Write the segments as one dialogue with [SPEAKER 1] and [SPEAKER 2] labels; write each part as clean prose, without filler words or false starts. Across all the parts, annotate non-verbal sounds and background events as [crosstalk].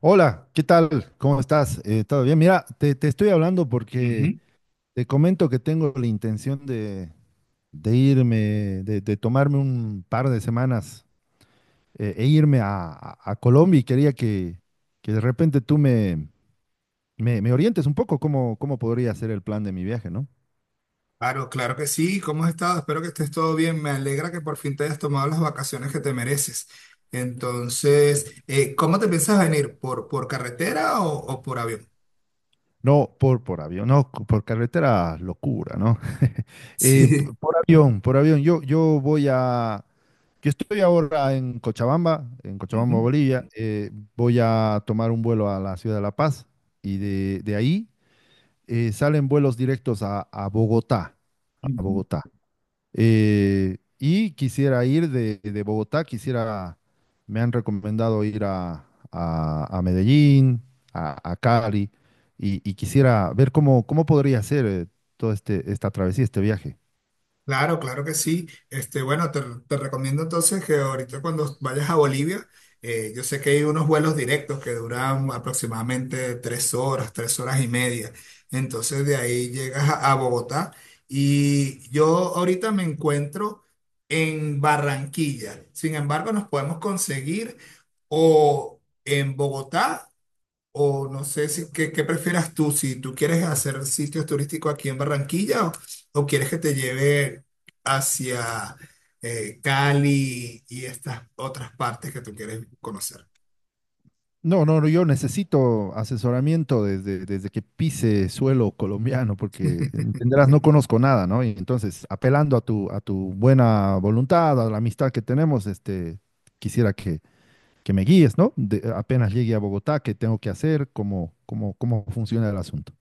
[SPEAKER 1] Hola, ¿qué tal? ¿Cómo estás? ¿Todo bien? Mira, te estoy hablando porque
[SPEAKER 2] Ujú.
[SPEAKER 1] te comento que tengo la intención de irme, de tomarme un par de semanas e irme a Colombia y quería que de repente tú me orientes un poco cómo podría ser el plan de mi viaje, ¿no?
[SPEAKER 2] Claro, claro que sí. ¿Cómo has estado? Espero que estés todo bien. Me alegra que por fin te hayas tomado las vacaciones que te mereces. Entonces, ¿cómo te piensas venir? ¿Por carretera o por avión?
[SPEAKER 1] No por avión, no, por carretera, locura, ¿no?
[SPEAKER 2] Sí.
[SPEAKER 1] Por avión, por avión. Yo voy a. Yo estoy ahora en Cochabamba,
[SPEAKER 2] Ujú.
[SPEAKER 1] Bolivia. Voy a tomar un vuelo a la ciudad de La Paz y de ahí salen vuelos directos a Bogotá, a
[SPEAKER 2] Ujú.
[SPEAKER 1] Bogotá. Y quisiera ir de Bogotá, quisiera, me han recomendado ir a Medellín, a Cali, y quisiera ver cómo, cómo podría ser todo este, esta travesía, este viaje.
[SPEAKER 2] Claro, claro que sí. Este, bueno, te recomiendo entonces que ahorita cuando vayas a Bolivia, yo sé que hay unos vuelos directos que duran aproximadamente 3 horas, 3 horas y media. Entonces de ahí llegas a Bogotá y yo ahorita me encuentro en Barranquilla. Sin embargo, nos podemos conseguir o en Bogotá o no sé si, qué prefieras tú? Si tú quieres hacer sitios turísticos aquí en Barranquilla o quieres que te lleve hacia Cali y estas otras partes que tú quieres conocer.
[SPEAKER 1] No, no, no, yo necesito asesoramiento desde, desde que pise suelo colombiano, porque entenderás, no conozco nada, ¿no? Y entonces, apelando a tu buena voluntad, a la amistad que tenemos, este, quisiera que me guíes, ¿no? De apenas llegue a Bogotá, ¿qué tengo que hacer? ¿Cómo, cómo, cómo funciona el asunto?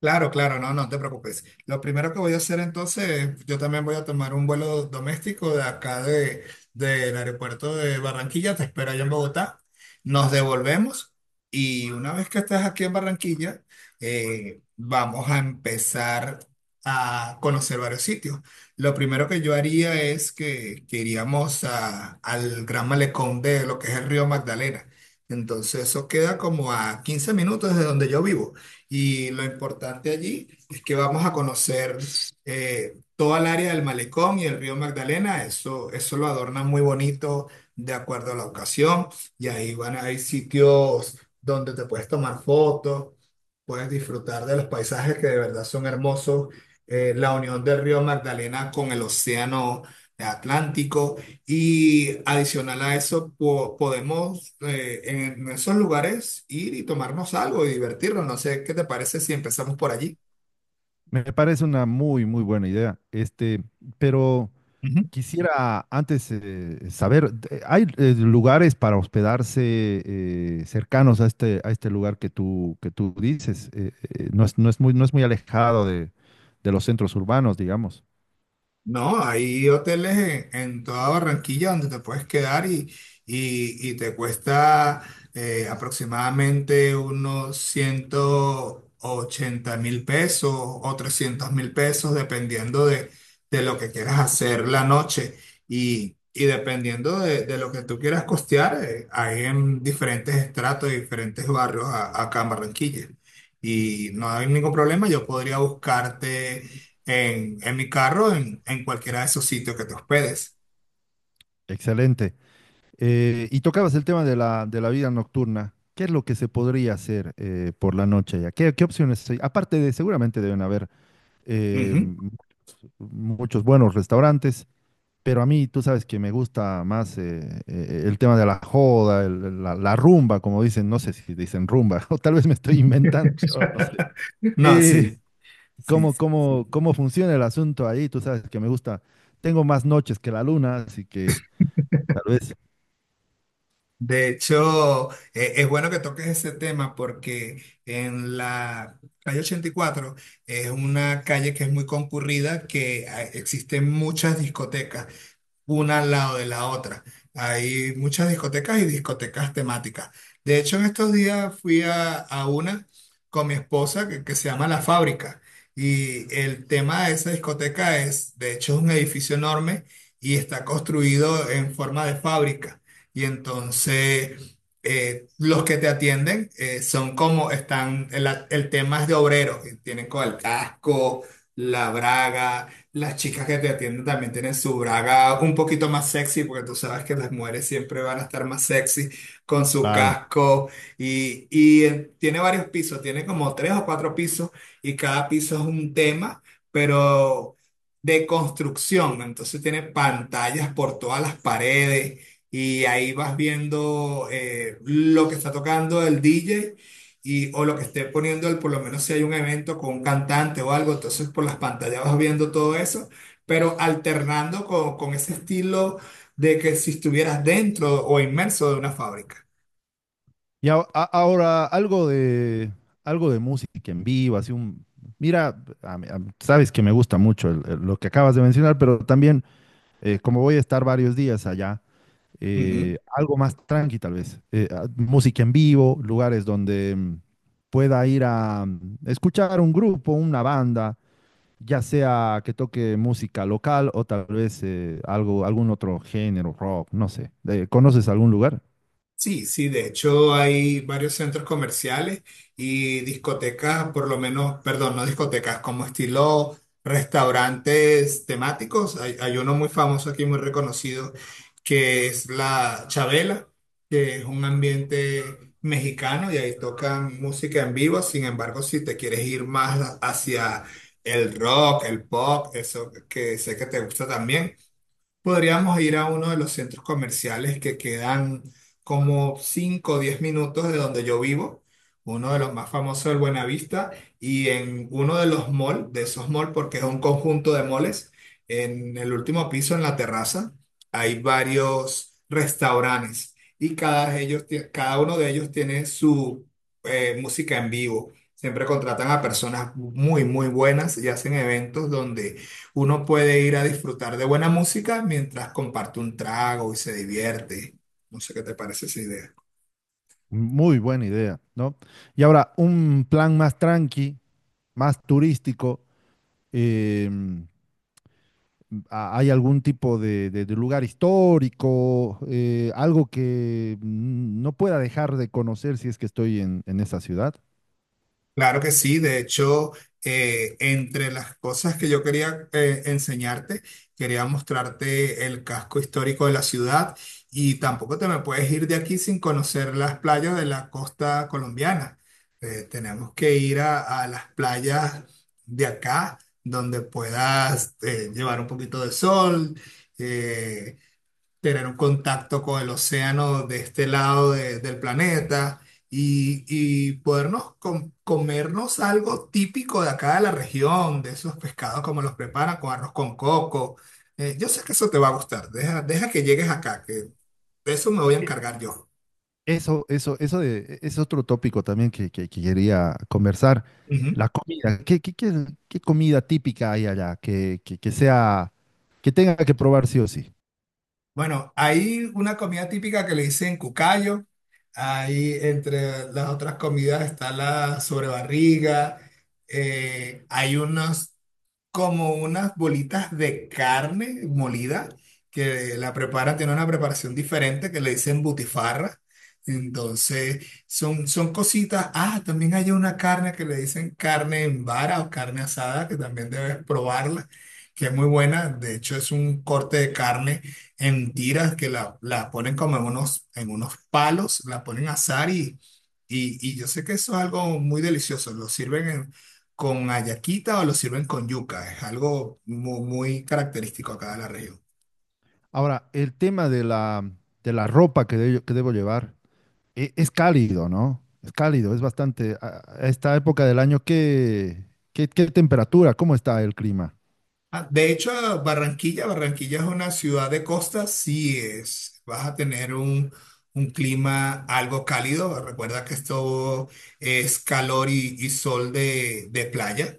[SPEAKER 2] Claro, claro, no, no te preocupes. Lo primero que voy a hacer entonces, yo también voy a tomar un vuelo doméstico de acá del aeropuerto de Barranquilla, te espero allá en Bogotá. Nos devolvemos y una vez que estés aquí en Barranquilla, vamos a empezar a conocer varios sitios. Lo primero que yo haría es que iríamos a- al Gran Malecón de lo que es el río Magdalena. Entonces eso queda como a 15 minutos de donde yo vivo. Y lo importante allí es que vamos a conocer toda el área del malecón y el río Magdalena. Eso lo adornan muy bonito de acuerdo a la ocasión. Y ahí van, hay sitios donde te puedes tomar fotos, puedes disfrutar de los paisajes que de verdad son hermosos. La unión del río Magdalena con el océano Atlántico. Y adicional a eso, po- podemos en esos lugares ir y tomarnos algo y divertirnos. No sé, ¿qué te parece si empezamos por allí?
[SPEAKER 1] Me parece una muy, muy buena idea. Este, pero. Quisiera antes saber, de- ¿hay lugares para hospedarse cercanos a este lugar que tú dices? No es, no es muy, no es muy alejado de los centros urbanos, digamos.
[SPEAKER 2] No, hay hoteles en toda Barranquilla donde te puedes quedar y, y te cuesta aproximadamente unos 180.000 pesos o 300.000 pesos, dependiendo de lo que quieras hacer la noche. Y dependiendo de lo que tú quieras costear, hay en diferentes estratos, diferentes barrios a- acá en Barranquilla. Y no hay ningún problema, yo podría buscarte en mi carro, en cualquiera de esos sitios que te hospedes.
[SPEAKER 1] Excelente. Y tocabas el tema de la vida nocturna. ¿Qué es lo que se podría hacer por la noche allá? ¿Qué, qué opciones hay? Aparte de, seguramente deben haber eh,
[SPEAKER 2] Ujú.
[SPEAKER 1] m- muchos buenos restaurantes. Pero a mí, tú sabes que me gusta más el tema de la joda, el- la rumba, como dicen, no sé si dicen rumba, [laughs] o tal vez me estoy inventando, yo no sé.
[SPEAKER 2] [laughs] No,
[SPEAKER 1] Eh,
[SPEAKER 2] sí, sí.
[SPEAKER 1] ¿Cómo,
[SPEAKER 2] sí.
[SPEAKER 1] cómo, cómo funciona el asunto ahí? Tú sabes que me gusta, tengo más noches que la luna, así que tal vez,
[SPEAKER 2] De hecho, es bueno que toques ese tema porque en la calle 84 es una calle que es muy concurrida, que existen muchas discotecas una al lado de la otra. Hay muchas discotecas y discotecas temáticas. De hecho, en estos días fui a una con mi esposa que se llama La Fábrica. Y el tema de esa discoteca es, de hecho, es un edificio enorme y está construido en forma de fábrica. Y entonces, los que te atienden son como están, el tema es de obreros, y tienen con el casco, la braga las chicas que te atienden también tienen su braga un poquito más sexy, porque tú sabes que las mujeres siempre van a estar más sexy con su
[SPEAKER 1] claro.
[SPEAKER 2] casco y tiene varios pisos, tiene como tres o cuatro pisos y cada piso es un tema, pero de construcción. Entonces tiene pantallas por todas las paredes y ahí vas viendo lo que está tocando el DJ y o lo que esté poniendo él, por lo menos si hay un evento con un cantante o algo, entonces por las pantallas vas viendo todo eso, pero alternando con ese estilo de que si estuvieras dentro o inmerso de una fábrica.
[SPEAKER 1] Y a- ahora algo de música en vivo, así un... Mira, a mí, a mí sabes que me gusta mucho el- lo que acabas de mencionar, pero también, como voy a estar varios días allá,
[SPEAKER 2] Ujú.
[SPEAKER 1] algo más tranqui tal vez, a- música en vivo, lugares donde pueda ir a escuchar un grupo, una banda, ya sea que toque música local o tal vez algo, algún otro género, rock, no sé. ¿Conoces algún lugar?
[SPEAKER 2] Sí, sí, de hecho hay varios centros comerciales y discotecas, por lo menos, perdón, no discotecas, como estilo restaurantes temáticos. Hay uno muy famoso aquí, muy reconocido, que es la Chabela, que es un ambiente mexicano y ahí tocan música en vivo. Sin embargo, si te quieres ir más hacia el rock, el pop, eso que sé que te gusta también. Podríamos ir a uno de los centros comerciales que quedan como 5 o 10 minutos de donde yo vivo, uno de los más famosos del Buenavista, y en uno de los malls, de esos malls, porque es un conjunto de malls, en el último piso, en la terraza, hay varios restaurantes y cada, ellos, tie- cada uno de ellos tiene su música en vivo. Siempre contratan a personas muy, muy buenas y hacen eventos donde uno puede ir a disfrutar de buena música mientras comparte un trago y se divierte. No sé qué te parece esa idea.
[SPEAKER 1] Muy buena idea, ¿no? Y ahora, un plan más tranqui, más turístico. em, a- ¿Hay algún tipo de lugar histórico, algo que no pueda dejar de conocer si es que estoy en esa ciudad?
[SPEAKER 2] Claro que sí, de hecho, entre las cosas que yo quería enseñarte, quería mostrarte el casco histórico de la ciudad y tampoco te me puedes ir de aquí sin conocer las playas de la costa colombiana. Tenemos que ir a las playas de acá, donde puedas llevar un poquito de sol. eh, tener un contacto con el océano de este lado de- del planeta y podernos com- comernos algo típico de acá de la región, de esos pescados como los preparan con arroz con coco. Yo sé que eso te va a gustar, deja, deja que llegues acá, que de eso me voy a
[SPEAKER 1] E-
[SPEAKER 2] encargar yo.
[SPEAKER 1] Eso de- es otro tópico también que quería conversar. La comida. ¿Qué, qué, qué qué comida típica hay allá que sea, que tenga que probar sí o sí?
[SPEAKER 2] Bueno, hay una comida típica que le dicen cucayo. Ahí entre las otras comidas está la sobrebarriga. Hay unos como unas bolitas de carne molida que la preparan, tiene una preparación diferente que le dicen butifarra. Entonces, son cositas. Ah, también hay una carne que le dicen carne en vara o carne asada, que también debes probarla, que es muy buena. De hecho, es un corte de carne en tiras que la ponen como en unos palos, la ponen a asar y, y yo sé que eso es algo muy delicioso. Lo sirven en- con ayaquita o lo sirven con yuca. Es algo mu- muy, característico acá de la región.
[SPEAKER 1] Ahora, el tema de la ropa que de- que debo llevar. E- es cálido, ¿no? Es cálido, es bastante. A esta época del año, ¿qué, qué, qué temperatura? ¿Cómo está el clima?
[SPEAKER 2] Ah, de hecho, a Barranquilla, Barranquilla es una ciudad de costa, sí es. Vas a tener un clima algo cálido. Recuerda que esto es calor y sol de playa.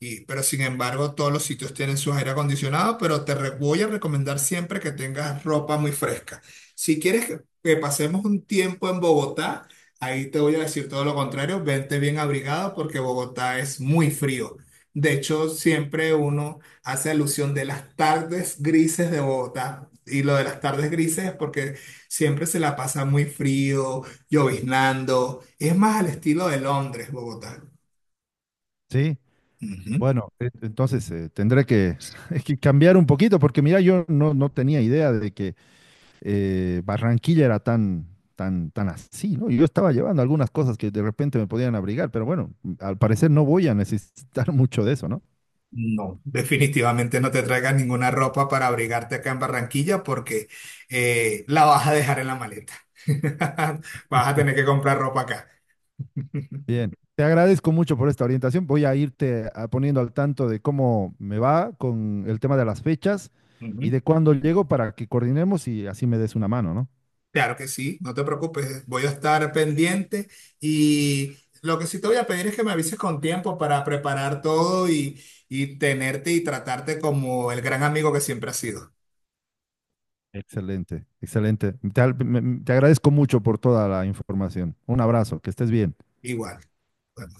[SPEAKER 2] Y, pero sin embargo, todos los sitios tienen su aire acondicionado, pero te re- voy a recomendar siempre que tengas ropa muy fresca. Si quieres que pasemos un tiempo en Bogotá, ahí te voy a decir todo lo contrario, vente bien abrigado porque Bogotá es muy frío. De hecho, siempre uno hace alusión de las tardes grises de Bogotá. Y lo de las tardes grises es porque siempre se la pasa muy frío, lloviznando. Es más al estilo de Londres, Bogotá.
[SPEAKER 1] Sí.
[SPEAKER 2] Ujú.
[SPEAKER 1] Bueno, e- entonces tendré que, [laughs] que cambiar un poquito, porque mira, yo no, no tenía idea de que Barranquilla era tan, tan, tan así, ¿no? Yo estaba llevando algunas cosas que de repente me podían abrigar, pero bueno, al parecer no voy a necesitar [laughs] mucho de eso, ¿no?
[SPEAKER 2] No, definitivamente no te traigas ninguna ropa para abrigarte acá en Barranquilla porque la vas a dejar en la maleta. [laughs] Vas a tener que comprar ropa acá.
[SPEAKER 1] Bien, te agradezco mucho por esta orientación. Voy a irte a- poniendo al tanto de cómo me va con el tema de las fechas y
[SPEAKER 2] Ujú.
[SPEAKER 1] de cuándo llego para que coordinemos y así me des una mano, ¿no?
[SPEAKER 2] Claro que sí, no te preocupes, voy a estar pendiente y lo que sí te voy a pedir es que me avises con tiempo para preparar todo y tenerte y tratarte como el gran amigo que siempre has sido.
[SPEAKER 1] Excelente, excelente. Te, al- me- me- te agradezco mucho por toda la información. Un abrazo, que estés bien.
[SPEAKER 2] Igual. Bueno,